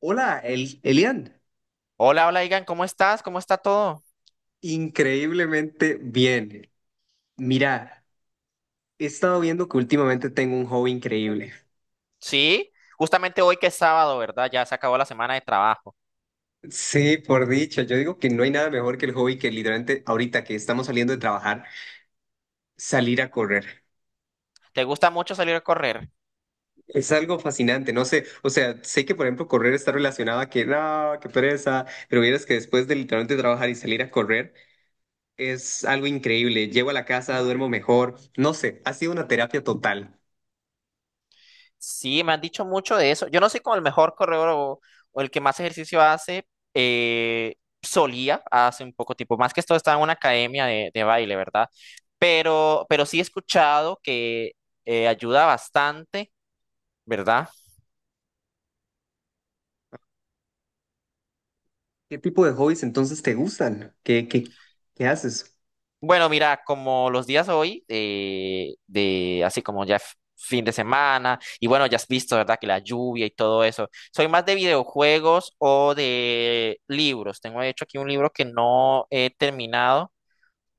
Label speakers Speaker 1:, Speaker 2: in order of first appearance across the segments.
Speaker 1: Hola, Elian.
Speaker 2: Hola, hola, Igan, ¿cómo estás? ¿Cómo está todo?
Speaker 1: Increíblemente bien. Mira, he estado viendo que últimamente tengo un hobby increíble.
Speaker 2: Sí, justamente hoy que es sábado, ¿verdad? Ya se acabó la semana de trabajo.
Speaker 1: Sí, por dicho, yo digo que no hay nada mejor que el hobby que literalmente ahorita que estamos saliendo de trabajar, salir a correr.
Speaker 2: ¿Te gusta mucho salir a correr?
Speaker 1: Es algo fascinante, no sé, o sea, sé que por ejemplo correr está relacionado a que no, qué pereza, pero vieras que después de literalmente trabajar y salir a correr es algo increíble. Llego a la casa, duermo mejor, no sé, ha sido una terapia total.
Speaker 2: Sí, me han dicho mucho de eso. Yo no soy como el mejor corredor o el que más ejercicio hace. eh, Solía hace un poco tiempo, más que esto estaba en una academia de baile, ¿verdad? Pero sí he escuchado que ayuda bastante, ¿verdad?
Speaker 1: ¿Qué tipo de hobbies entonces te gustan? ¿Qué haces?
Speaker 2: Bueno, mira, como los días hoy, de así como ya fin de semana, y bueno, ya has visto, ¿verdad? Que la lluvia y todo eso. Soy más de videojuegos o de libros. Tengo de hecho aquí un libro que no he terminado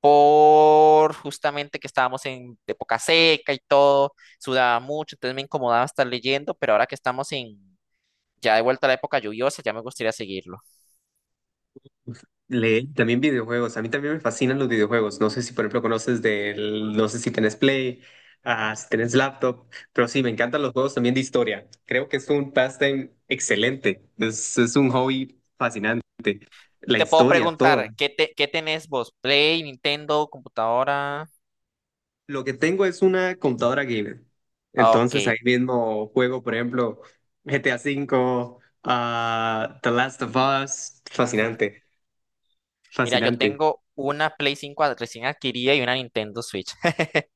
Speaker 2: por justamente que estábamos en época seca y todo, sudaba mucho, entonces me incomodaba estar leyendo, pero ahora que estamos en ya de vuelta a la época lluviosa, ya me gustaría seguirlo.
Speaker 1: Leer, también videojuegos. A mí también me fascinan los videojuegos. No sé si, por ejemplo, no sé si tenés Play, si tenés laptop, pero sí, me encantan los juegos también de historia. Creo que es un pastime excelente. Es un hobby fascinante. La
Speaker 2: Te puedo
Speaker 1: historia, todo.
Speaker 2: preguntar, ¿qué, te, qué tenés vos? ¿Play, Nintendo, computadora?
Speaker 1: Lo que tengo es una computadora gamer.
Speaker 2: Ah, ok.
Speaker 1: Entonces ahí mismo juego, por ejemplo, GTA cinco, The Last of Us.
Speaker 2: Ujú.
Speaker 1: Fascinante,
Speaker 2: Mira, yo
Speaker 1: fascinante.
Speaker 2: tengo una Play 5 recién adquirida y una Nintendo Switch.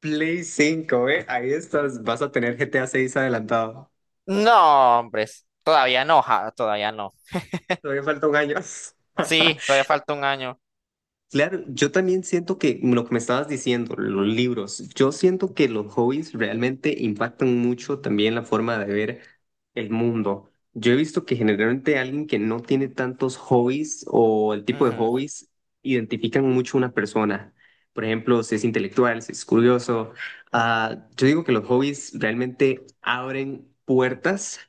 Speaker 1: Play 5, ¿eh? Ahí estás, vas a tener GTA 6 adelantado.
Speaker 2: No, hombres, todavía no, ja, todavía no.
Speaker 1: Todavía falta un año.
Speaker 2: Sí, todavía falta un año.
Speaker 1: Claro, yo también siento que lo que me estabas diciendo, los libros, yo siento que los hobbies realmente impactan mucho también la forma de ver el mundo. Yo he visto que generalmente alguien que no tiene tantos hobbies o el tipo de
Speaker 2: Ujú.
Speaker 1: hobbies identifican mucho a una persona. Por ejemplo, si es intelectual, si es curioso. Ah, yo digo que los hobbies realmente abren puertas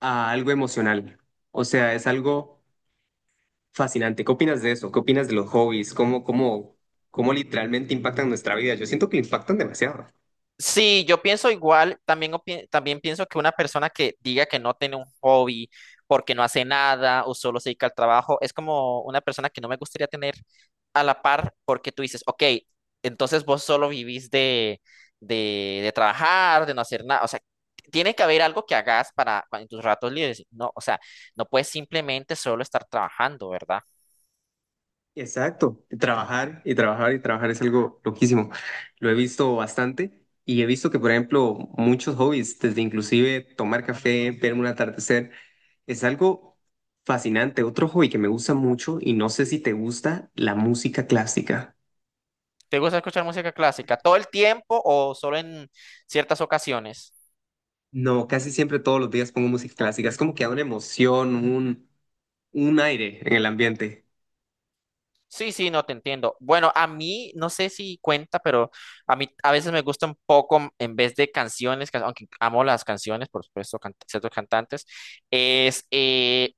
Speaker 1: a algo emocional. O sea, es algo fascinante. ¿Qué opinas de eso? ¿Qué opinas de los hobbies? ¿Cómo literalmente impactan nuestra vida? Yo siento que impactan demasiado.
Speaker 2: Sí, yo pienso igual, también, también pienso que una persona que diga que no tiene un hobby porque no hace nada o solo se dedica al trabajo, es como una persona que no me gustaría tener a la par porque tú dices, ok, entonces vos solo vivís de, de trabajar, de no hacer nada, o sea, tiene que haber algo que hagas para en tus ratos libres, no, o sea, no puedes simplemente solo estar trabajando, ¿verdad?
Speaker 1: Exacto. Trabajar y trabajar y trabajar es algo loquísimo. Lo he visto bastante y he visto que, por ejemplo, muchos hobbies, desde inclusive tomar café, ver un atardecer, es algo fascinante. Otro hobby que me gusta mucho y no sé si te gusta, la música clásica.
Speaker 2: ¿Te gusta escuchar música clásica todo el tiempo o solo en ciertas ocasiones?
Speaker 1: No, casi siempre todos los días pongo música clásica. Es como que da una emoción, un aire en el ambiente.
Speaker 2: Sí, sí, no te entiendo. Bueno, a mí, no sé si cuenta, pero a mí a veces me gusta un poco, en vez de canciones, aunque amo las canciones, por supuesto, ciertos cantantes, es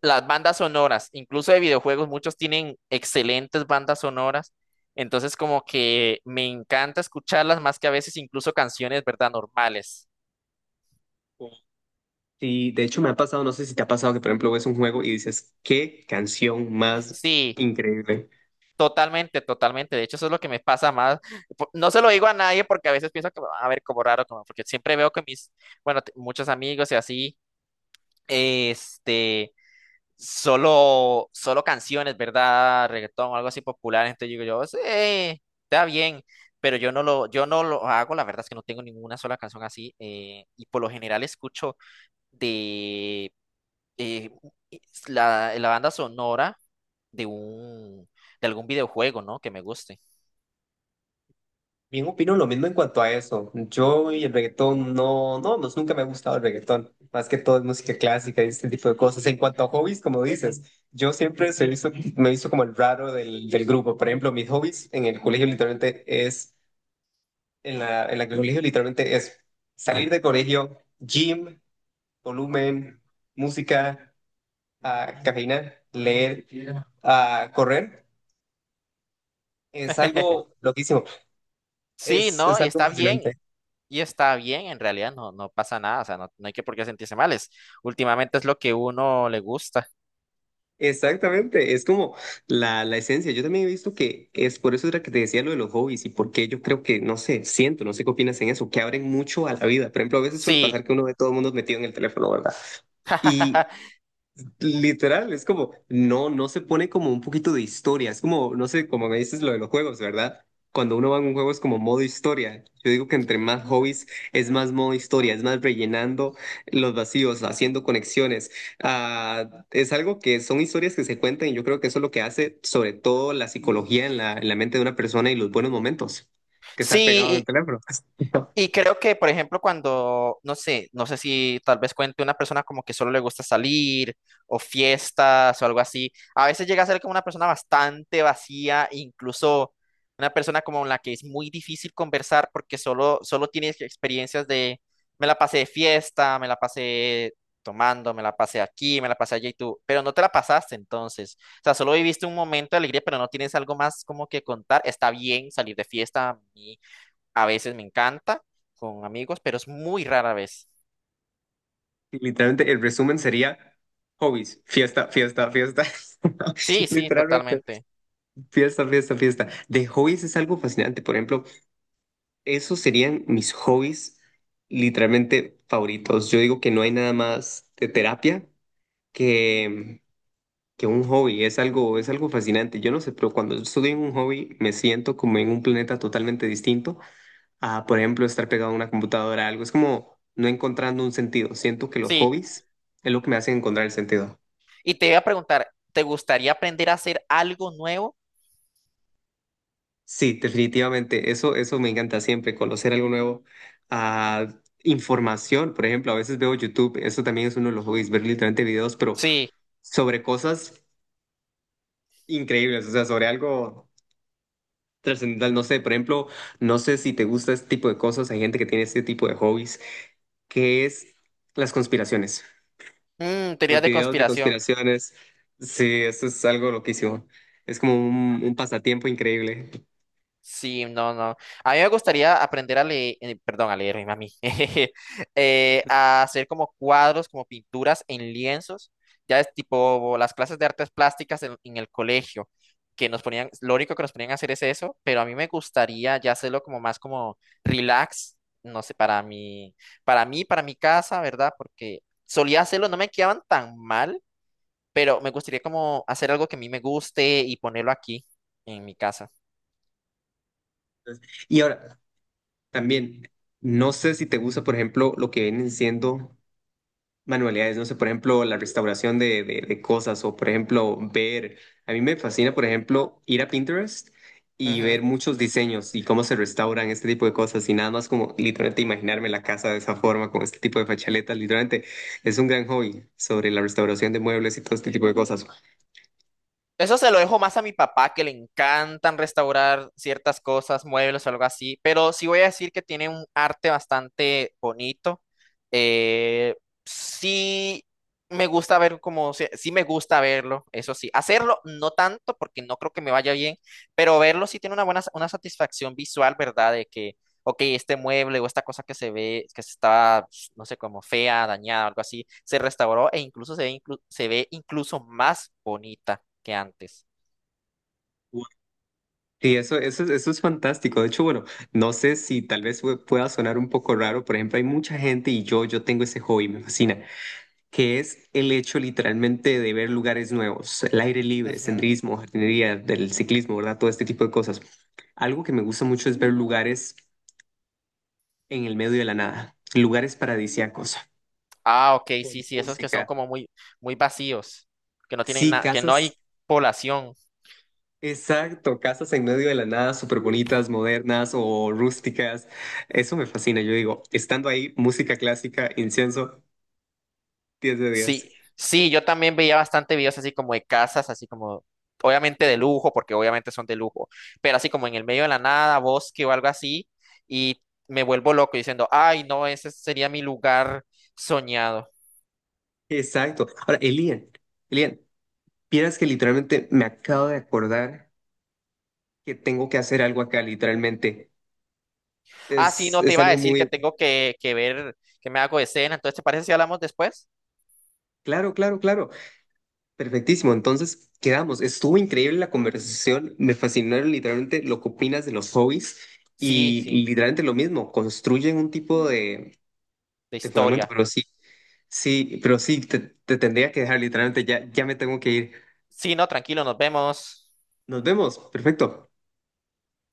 Speaker 2: las bandas sonoras, incluso de videojuegos, muchos tienen excelentes bandas sonoras, entonces como que me encanta escucharlas más que a veces incluso canciones, ¿verdad? Normales.
Speaker 1: Y de hecho me ha pasado, no sé si te ha pasado que por ejemplo ves un juego y dices, qué canción más
Speaker 2: Sí.
Speaker 1: increíble.
Speaker 2: Totalmente, totalmente. De hecho, eso es lo que me pasa más. No se lo digo a nadie porque a veces pienso que me van a ver como raro, como porque siempre veo que mis, bueno, muchos amigos y así, este, solo canciones, ¿verdad? Reggaetón o algo así popular. Entonces digo yo, sí, está bien, pero yo no lo hago. La verdad es que no tengo ninguna sola canción así. Y por lo general escucho de eh, la banda sonora de de algún videojuego, ¿no? Que me guste.
Speaker 1: Bien opino lo mismo en cuanto a eso. Yo y el reggaetón no, no, pues nunca me ha gustado el reggaetón. Más que todo es música clásica y este tipo de cosas. En cuanto a hobbies, como dices, yo siempre me hizo como el raro del grupo. Por ejemplo, mis hobbies en el colegio literalmente es en la que el colegio literalmente es salir de colegio, gym, volumen, música, cafeína, leer, correr. Es algo loquísimo,
Speaker 2: Sí,
Speaker 1: es
Speaker 2: no,
Speaker 1: algo fascinante.
Speaker 2: y está bien, en realidad no, no pasa nada, o sea, no, no hay que por qué sentirse mal, es, últimamente es lo que uno le gusta.
Speaker 1: Exactamente, es como la esencia. Yo también he visto que es por eso era que te decía lo de los hobbies y porque yo creo que, no sé, siento, no sé qué opinas en eso, que abren mucho a la vida. Por ejemplo, a veces suele
Speaker 2: Sí,
Speaker 1: pasar que uno ve todo el mundo metido en el teléfono, ¿verdad? Y literal, es como, no, no se pone como un poquito de historia, es como, no sé, como me dices lo de los juegos, ¿verdad? Cuando uno va a un juego es como modo historia. Yo digo que entre más hobbies es más modo historia, es más rellenando los vacíos, haciendo conexiones. Ah, es algo que son historias que se cuentan y yo creo que eso es lo que hace sobre todo la psicología en la mente de una persona y los buenos momentos, que estar pegado en el
Speaker 2: sí,
Speaker 1: teléfono.
Speaker 2: y creo que, por ejemplo, cuando, no sé, si tal vez cuente una persona como que solo le gusta salir o fiestas o algo así, a veces llega a ser como una persona bastante vacía, incluso una persona como la que es muy difícil conversar porque solo tiene experiencias de, me la pasé de fiesta, me la pasé tomando, me la pasé aquí, me la pasé allá y tú, pero no te la pasaste entonces. O sea, solo viviste un momento de alegría, pero no tienes algo más como que contar. Está bien salir de fiesta, a veces me encanta con amigos, pero es muy rara vez.
Speaker 1: Literalmente, el resumen sería hobbies, fiesta, fiesta, fiesta.
Speaker 2: Sí, sí,
Speaker 1: Literalmente.
Speaker 2: totalmente.
Speaker 1: Fiesta, fiesta, fiesta. De hobbies es algo fascinante. Por ejemplo, esos serían mis hobbies literalmente favoritos. Yo digo que no hay nada más de terapia que, que un hobby. Es algo fascinante. Yo no sé, pero cuando estoy en un hobby me siento como en un planeta totalmente distinto a, por ejemplo, estar pegado a una computadora, algo. Es como no encontrando un sentido. Siento que los
Speaker 2: Sí.
Speaker 1: hobbies es lo que me hacen encontrar el sentido.
Speaker 2: Y te voy a preguntar, ¿te gustaría aprender a hacer algo nuevo?
Speaker 1: Sí, definitivamente. Eso me encanta siempre, conocer algo nuevo. Ah, información, por ejemplo, a veces veo YouTube, eso también es uno de los hobbies, ver literalmente videos, pero
Speaker 2: Sí.
Speaker 1: sobre cosas increíbles, o sea, sobre algo trascendental. No sé, por ejemplo, no sé si te gusta este tipo de cosas, hay gente que tiene este tipo de hobbies, que es las conspiraciones,
Speaker 2: Mm,
Speaker 1: los
Speaker 2: teorías de
Speaker 1: videos de
Speaker 2: conspiración.
Speaker 1: conspiraciones. Sí, eso es algo loquísimo. Es como un pasatiempo increíble.
Speaker 2: Sí, no, no. A mí me gustaría aprender a leer, perdón, a leer, ay, mami, a hacer como cuadros, como pinturas en lienzos. Ya es tipo las clases de artes plásticas en el colegio, que nos ponían, lo único que nos ponían a hacer es eso, pero a mí me gustaría ya hacerlo como más como relax, no sé, para mí, para mi casa, ¿verdad? Porque solía hacerlo, no me quedaban tan mal, pero me gustaría como hacer algo que a mí me guste y ponerlo aquí en mi casa.
Speaker 1: Y ahora, también, no sé si te gusta, por ejemplo, lo que vienen siendo manualidades, no sé, por ejemplo, la restauración de cosas o, por ejemplo, ver, a mí me fascina, por ejemplo, ir a Pinterest y ver muchos diseños y cómo se restauran este tipo de cosas y nada más como literalmente imaginarme la casa de esa forma, con este tipo de fachaletas, literalmente es un gran hobby sobre la restauración de muebles y todo este tipo de cosas.
Speaker 2: Eso se lo dejo más a mi papá, que le encantan restaurar ciertas cosas, muebles o algo así, pero sí voy a decir que tiene un arte bastante bonito. Eh, sí me gusta ver como, sí sí me gusta verlo, eso sí. Hacerlo no tanto porque no creo que me vaya bien, pero verlo sí tiene una buena, una satisfacción visual, ¿verdad? De que ok, este mueble o esta cosa que se ve, que se está, no sé, como fea, dañada, algo así, se restauró e incluso se ve, se ve incluso más bonita que antes.
Speaker 1: Y eso, eso es fantástico. De hecho, bueno, no sé si tal vez pueda sonar un poco raro. Por ejemplo, hay mucha gente y yo tengo ese hobby, me fascina, que es el hecho literalmente de ver lugares nuevos, el aire libre,
Speaker 2: Ujú.
Speaker 1: senderismo, jardinería, del ciclismo, ¿verdad? Todo este tipo de cosas. Algo que me gusta mucho es ver lugares en el medio de la nada, lugares paradisíacos,
Speaker 2: Ah, ok, sí,
Speaker 1: con
Speaker 2: sí, esos que son
Speaker 1: música.
Speaker 2: como muy, muy vacíos, que no tienen
Speaker 1: Sí,
Speaker 2: nada, que no hay
Speaker 1: casas.
Speaker 2: población.
Speaker 1: Exacto, casas en medio de la nada, súper bonitas, modernas o rústicas. Eso me fascina, yo digo, estando ahí, música clásica, incienso, 10 de 10.
Speaker 2: Sí, sí, yo también veía bastante videos así como de casas, así como, obviamente de lujo, porque obviamente son de lujo, pero así como en el medio de la nada, bosque o algo así, y me vuelvo loco diciendo, ay, no, ese sería mi lugar soñado.
Speaker 1: Exacto. Ahora, Elian, vieras que literalmente me acabo de acordar que tengo que hacer algo acá, literalmente.
Speaker 2: Ah, sí,
Speaker 1: Es,
Speaker 2: no te
Speaker 1: es
Speaker 2: iba a
Speaker 1: algo
Speaker 2: decir que
Speaker 1: muy...
Speaker 2: tengo que ver, que me hago de cena. Entonces, ¿te parece si hablamos después?
Speaker 1: Claro, claro, claro. Perfectísimo. Entonces, quedamos. Estuvo increíble la conversación. Me fascinaron literalmente lo que opinas de los hobbies
Speaker 2: Sí,
Speaker 1: y
Speaker 2: sí,
Speaker 1: y literalmente lo mismo, construyen un tipo de
Speaker 2: de
Speaker 1: de fundamento,
Speaker 2: historia.
Speaker 1: pero sí, sí, pero sí, te tendría que dejar literalmente, ya, ya me tengo que ir.
Speaker 2: Sí, no, tranquilo, nos vemos.
Speaker 1: Nos vemos, perfecto.